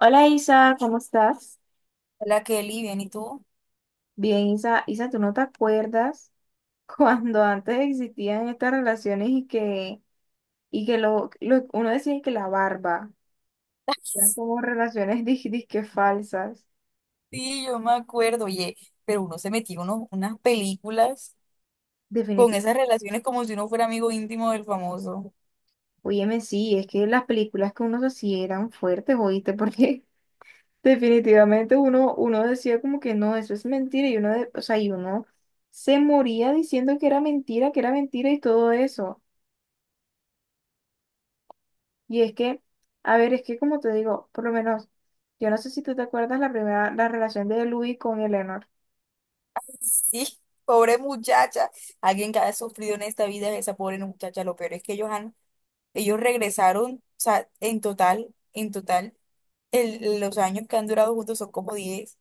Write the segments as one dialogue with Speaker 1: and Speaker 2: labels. Speaker 1: Hola Isa, ¿cómo estás?
Speaker 2: Hola Kelly, bien, ¿y tú?
Speaker 1: Bien, Isa, ¿tú no te acuerdas cuando antes existían estas relaciones y que uno decía que la barba eran como relaciones disque falsas?
Speaker 2: Sí, yo me acuerdo, oye, pero uno se metió unas películas con
Speaker 1: Definitivamente.
Speaker 2: esas relaciones como si uno fuera amigo íntimo del famoso.
Speaker 1: Óyeme, sí, es que las películas que uno hacía eran fuertes, oíste, porque definitivamente uno decía como que no, eso es mentira, y uno, o sea, y uno se moría diciendo que era mentira y todo eso. Y es que, a ver, es que como te digo, por lo menos, yo no sé si tú te acuerdas la relación de Luis con Eleanor.
Speaker 2: Sí, pobre muchacha, alguien que ha sufrido en esta vida es esa pobre muchacha, lo peor es que ellos regresaron, o sea, en total, los años que han durado juntos son como 10,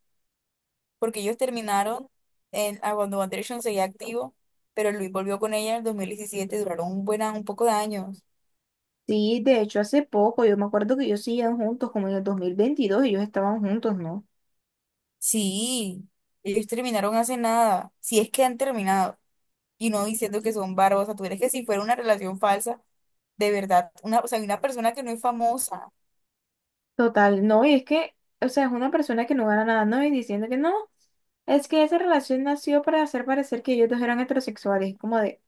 Speaker 2: porque ellos terminaron en, a cuando One Direction seguía activo, pero Luis volvió con ella en el 2017, duraron un buen, un poco de años.
Speaker 1: Sí, de hecho, hace poco, yo me acuerdo que ellos seguían juntos, como en el 2022, ellos estaban juntos, ¿no?
Speaker 2: Sí, ellos terminaron hace nada, si es que han terminado, y no diciendo que son bárbaros, o sea, tú eres que si fuera una relación falsa, de verdad, una, o sea, una persona que no es famosa.
Speaker 1: Total, no, o sea, es una persona que no gana nada, ¿no? Y diciendo que no, es que esa relación nació para hacer parecer que ellos dos eran heterosexuales, como de,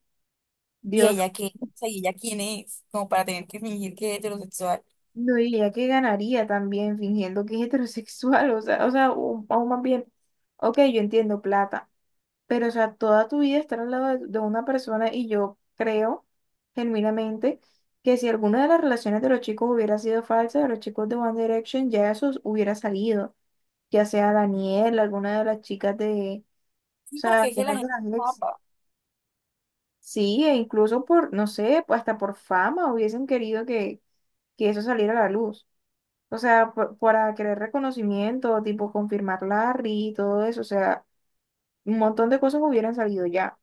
Speaker 2: Y
Speaker 1: Dios,
Speaker 2: ella qué, o sea, y ella quién es, como para tener que fingir que es heterosexual.
Speaker 1: no, y ella que ganaría también fingiendo que es heterosexual, o sea, aún más bien, ok, yo entiendo plata. Pero, o sea, toda tu vida estar al lado de una persona y yo creo genuinamente que si alguna de las relaciones de los chicos hubiera sido falsa, de los chicos de One Direction, ya eso hubiera salido, ya sea Daniel, alguna de las chicas de, o
Speaker 2: Sí,
Speaker 1: sea,
Speaker 2: porque es que
Speaker 1: alguna
Speaker 2: la
Speaker 1: de
Speaker 2: gente es
Speaker 1: las ex.
Speaker 2: guapa.
Speaker 1: Sí, e incluso por, no sé, pues, hasta por fama que eso saliera a la luz. O sea, para querer reconocimiento, tipo confirmar Larry y todo eso, o sea, un montón de cosas hubieran salido ya.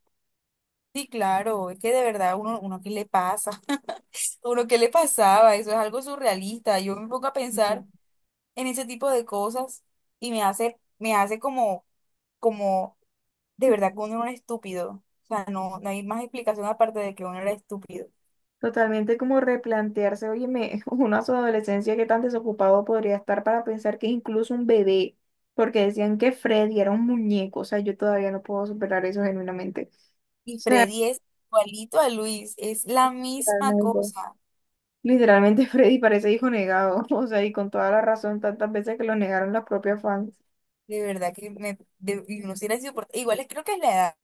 Speaker 2: Sí, claro, es que de verdad uno, uno qué le pasa, uno qué le pasaba, eso es algo surrealista. Yo me pongo a pensar en ese tipo de cosas y me hace como, como de verdad que uno era un estúpido. O sea, no, no hay más explicación aparte de que uno era estúpido.
Speaker 1: Totalmente como replantearse, óyeme, uno a su adolescencia que tan desocupado podría estar para pensar que es incluso un bebé, porque decían que Freddy era un muñeco, o sea, yo todavía no puedo superar eso genuinamente. O
Speaker 2: Y
Speaker 1: sea,
Speaker 2: Freddy es igualito a Luis, es la misma
Speaker 1: literalmente,
Speaker 2: cosa.
Speaker 1: literalmente Freddy parece hijo negado, o sea, y con toda la razón, tantas veces que lo negaron las propias fans.
Speaker 2: De verdad que me, de, y uno sí era insoportable. Creo que es la edad.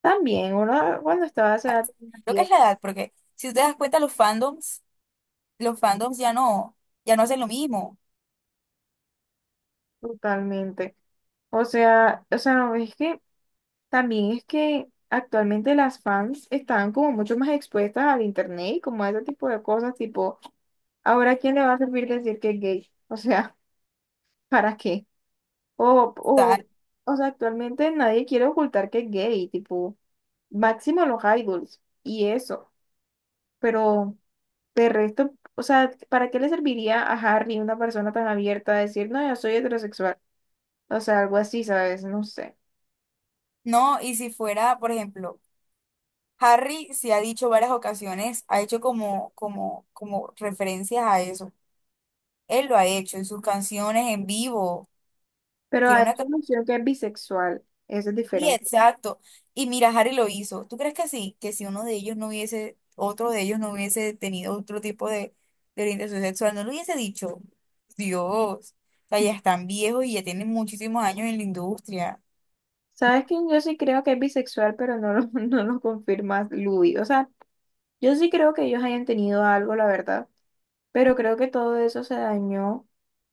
Speaker 1: También, uno cuando estaba a esa edad, tenía
Speaker 2: Creo que
Speaker 1: 10,
Speaker 2: es la edad, porque si usted das cuenta, los fandoms ya no, ya no hacen lo mismo.
Speaker 1: totalmente. No, es que también es que actualmente las fans están como mucho más expuestas al internet y como a ese tipo de cosas, tipo, ahora quién le va a servir decir que es gay, o sea, ¿para qué? O, o,
Speaker 2: Está.
Speaker 1: o sea, actualmente nadie quiere ocultar que es gay, tipo, máximo los idols y eso, pero de resto, o sea, ¿para qué le serviría a Harry, una persona tan abierta, a decir, no, yo soy heterosexual? O sea, algo así, ¿sabes? No sé.
Speaker 2: No, y si fuera, por ejemplo, Harry sí ha dicho varias ocasiones, ha hecho como referencias a eso. Él lo ha hecho en sus canciones en vivo.
Speaker 1: Pero
Speaker 2: Tiene
Speaker 1: ha
Speaker 2: una.
Speaker 1: hecho mención que es bisexual, eso es
Speaker 2: Sí,
Speaker 1: diferente.
Speaker 2: exacto. Y mira, Harry lo hizo. ¿Tú crees que sí? Que si uno de ellos no hubiese, otro de ellos no hubiese tenido otro tipo de orientación sexual, no lo hubiese dicho. Dios, o sea, ya están viejos y ya tienen muchísimos años en la industria.
Speaker 1: Sabes que yo sí creo que es bisexual, pero no lo, no lo confirma Louis. O sea, yo sí creo que ellos hayan tenido algo, la verdad, pero creo que todo eso se dañó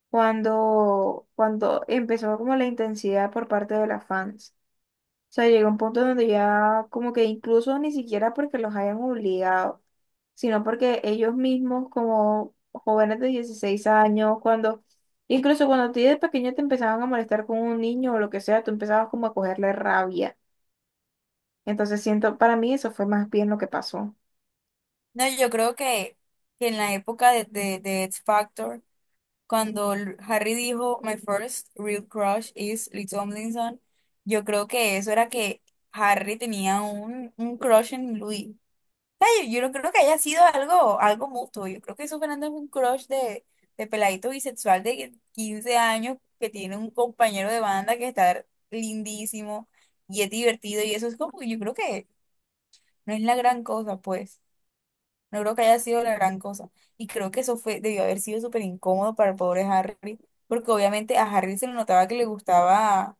Speaker 1: cuando empezó como la intensidad por parte de las fans. O sea, llegó un punto donde ya como que incluso ni siquiera porque los hayan obligado, sino porque ellos mismos como jóvenes de 16 años, cuando, incluso cuando a ti de pequeño te empezaban a molestar con un niño o lo que sea, tú empezabas como a cogerle rabia. Entonces siento, para mí eso fue más bien lo que pasó.
Speaker 2: No, yo creo que en la época de X Factor, cuando Harry dijo, My first real crush is Lee Tomlinson, yo creo que eso era que Harry tenía un crush en Louis. Yo no creo que haya sido algo, algo mutuo. Yo creo que eso Fernando es un crush de peladito bisexual de 15 años que tiene un compañero de banda que está lindísimo y es divertido. Y eso es como, yo creo que no es la gran cosa, pues. No creo que haya sido la gran cosa. Y creo que eso fue, debió haber sido súper incómodo para el pobre Harry, porque obviamente a Harry se le notaba que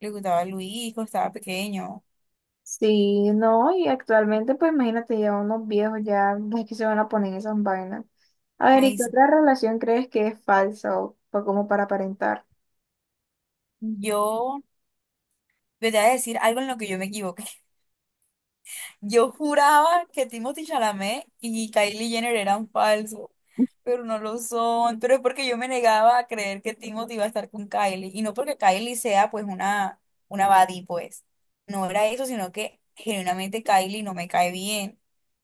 Speaker 2: le gustaba Luis cuando estaba pequeño.
Speaker 1: Sí, no, y actualmente pues imagínate ya unos viejos ya, es que se van a poner en esas vainas. A ver, ¿y
Speaker 2: Ay,
Speaker 1: qué
Speaker 2: sí.
Speaker 1: otra relación crees que es falsa o como para aparentar?
Speaker 2: Yo. Yo te voy a decir algo en lo que yo me equivoqué. Yo juraba que Timothy Chalamet y Kylie Jenner eran falsos, pero no lo son. Pero es porque yo me negaba a creer que Timothy iba a estar con Kylie. Y no porque Kylie sea pues una baddie, pues. No era eso, sino que genuinamente Kylie no me cae bien.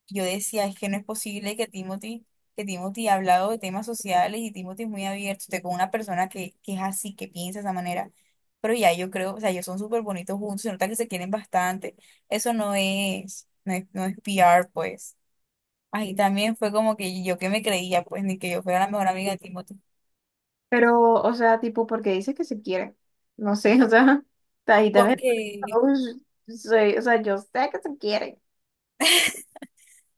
Speaker 2: Yo decía, es que no es posible que Timothy ha hablado de temas sociales y Timothy es muy abierto, esté con una persona que es así, que piensa de esa manera. Pero ya yo creo, o sea, ellos son súper bonitos juntos, se nota que se quieren bastante. Eso no es, no es, no es P. R. pues. Ahí también fue como que yo que me creía, pues, ni que yo fuera la mejor amiga de Timothy.
Speaker 1: Pero, o sea, tipo, porque dice que se quiere. No sé, o sea, ahí también.
Speaker 2: Porque
Speaker 1: Uy, o sea, yo sé que se quiere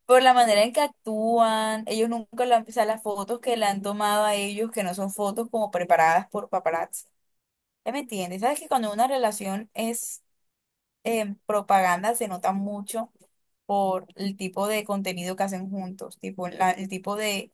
Speaker 2: por la manera en que actúan, ellos nunca la, o sea, las fotos que le han tomado a ellos, que no son fotos como preparadas por paparazzi. ¿Ya me entiendes? ¿Sabes que cuando una relación es propaganda se nota mucho por el tipo de contenido que hacen juntos, tipo el tipo de,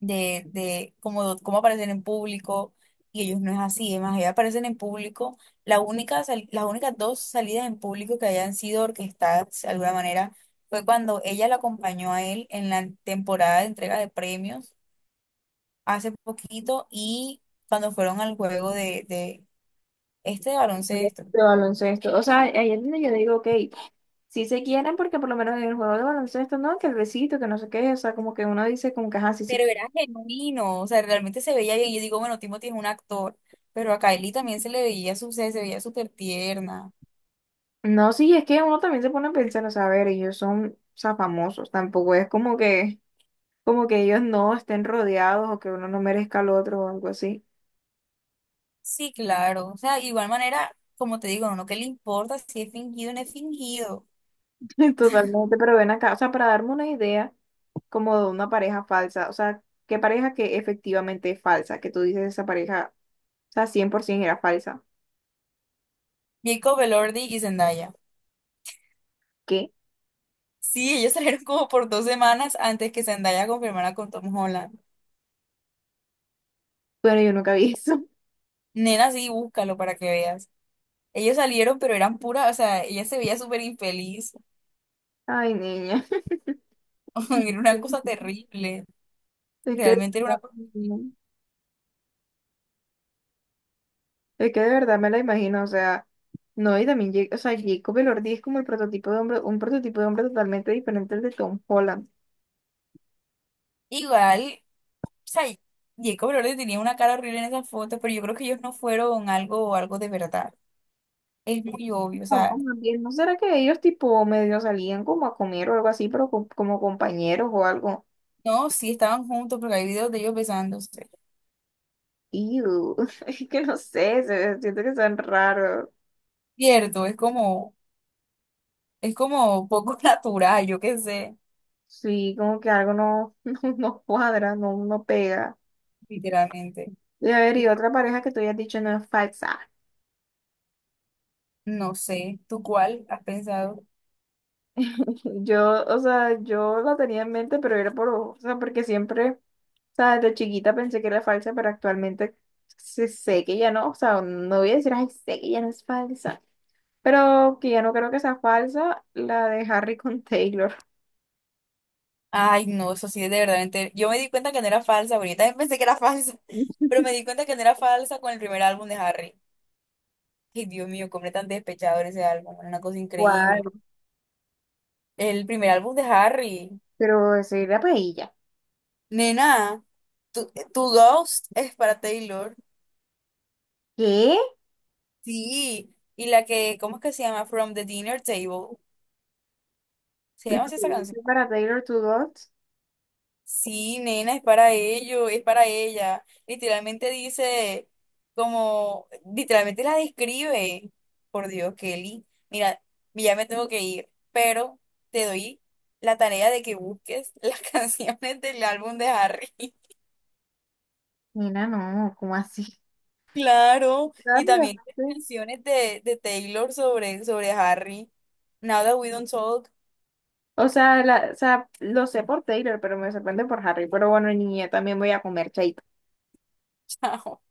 Speaker 2: de cómo, cómo aparecen en público y ellos no es así, es más, ellos aparecen en público, la las únicas dos salidas en público que hayan sido orquestadas de alguna manera fue cuando ella lo acompañó a él en la temporada de entrega de premios hace poquito y cuando fueron al juego de este de baloncesto.
Speaker 1: de baloncesto. O sea, ahí es donde yo digo, ok, sí se quieren porque por lo menos en el juego de baloncesto, ¿no? Que el besito, que no sé qué, o sea, como que uno dice como que, ajá, sí se.
Speaker 2: Pero era genuino, o sea, realmente se veía bien. Yo digo, bueno, Timothy es un actor, pero a Kylie también se le veía su, se veía súper tierna.
Speaker 1: No, sí, es que uno también se pone a pensar, o sea, a ver, ellos son, o sea, famosos, tampoco es como que ellos no estén rodeados o que uno no merezca al otro o algo así.
Speaker 2: Sí, claro. O sea, igual manera, como te digo, no uno que le importa si es fingido o no es fingido.
Speaker 1: Totalmente, pero ven acá, o sea, para darme una idea como de una pareja falsa, o sea, qué pareja que efectivamente es falsa, que tú dices esa pareja, o sea, 100% era falsa.
Speaker 2: Jacob Elordi y Zendaya.
Speaker 1: ¿Qué?
Speaker 2: Sí, ellos salieron como por dos semanas antes que Zendaya confirmara con Tom Holland.
Speaker 1: Bueno, yo nunca vi eso.
Speaker 2: Nena, sí, búscalo para que veas. Ellos salieron, pero eran pura, o sea, ella se veía súper infeliz.
Speaker 1: Ay, niña.
Speaker 2: Era una cosa terrible.
Speaker 1: Es que...
Speaker 2: Realmente era una cosa.
Speaker 1: no. Es que de verdad me la imagino, o sea, no, y también, o sea, Jacob Elordi es como el prototipo de hombre, un prototipo de hombre totalmente diferente al de Tom Holland.
Speaker 2: Igual, o sea, Jacob Elordi tenía una cara horrible en esas fotos, pero yo creo que ellos no fueron algo, algo de verdad. Es muy obvio, o
Speaker 1: O
Speaker 2: sea.
Speaker 1: más bien, ¿no será que ellos tipo medio salían como a comer o algo así, pero como compañeros o algo?
Speaker 2: No, sí estaban juntos, porque hay videos de ellos besándose.
Speaker 1: Ew, es que no sé, siento que son raros.
Speaker 2: Cierto, es como poco natural, yo qué sé,
Speaker 1: Sí, como que algo no, no, no cuadra, no, no pega.
Speaker 2: literalmente.
Speaker 1: Y a ver, y otra pareja que tú hayas dicho no es falsa.
Speaker 2: No sé, ¿tú cuál has pensado?
Speaker 1: Yo, o sea, yo la tenía en mente, pero era por, o sea, porque siempre... O sea, desde chiquita pensé que era falsa, pero actualmente sé que ya no, o sea, no voy a decir, ay, sé que ya no es falsa, pero que ya no creo que sea falsa la de Harry con Taylor.
Speaker 2: Ay, no, eso sí es de verdad. Yo me di cuenta que no era falsa, ahorita también pensé que era falsa, pero me di cuenta que no era falsa con el primer álbum de Harry. Ay, Dios mío, completamente despechador ese álbum, era una cosa
Speaker 1: Igual,
Speaker 2: increíble. El primer álbum de Harry.
Speaker 1: pero eso era para ella.
Speaker 2: Nena, tu Ghost es para Taylor.
Speaker 1: ¿Qué?
Speaker 2: Sí, y la que, ¿cómo es que se llama? From the Dinner Table. ¿Se
Speaker 1: ¿Y
Speaker 2: llama
Speaker 1: por
Speaker 2: así
Speaker 1: qué
Speaker 2: esa canción?
Speaker 1: dice para Taylor to God?
Speaker 2: Sí, nena, es para ello, es para ella. Literalmente dice, como, literalmente la describe. Por Dios, Kelly. Mira, ya me tengo que ir, pero te doy la tarea de que busques las canciones del álbum de Harry.
Speaker 1: Mira, no, ¿cómo así?
Speaker 2: Claro, y
Speaker 1: Anda,
Speaker 2: también
Speaker 1: no
Speaker 2: las
Speaker 1: sé.
Speaker 2: canciones de Taylor sobre, sobre Harry. Now that we don't talk.
Speaker 1: O sea, la, o sea, lo sé por Taylor, pero me sorprende por Harry. Pero bueno, niña, también voy a comer chaito.
Speaker 2: Chao.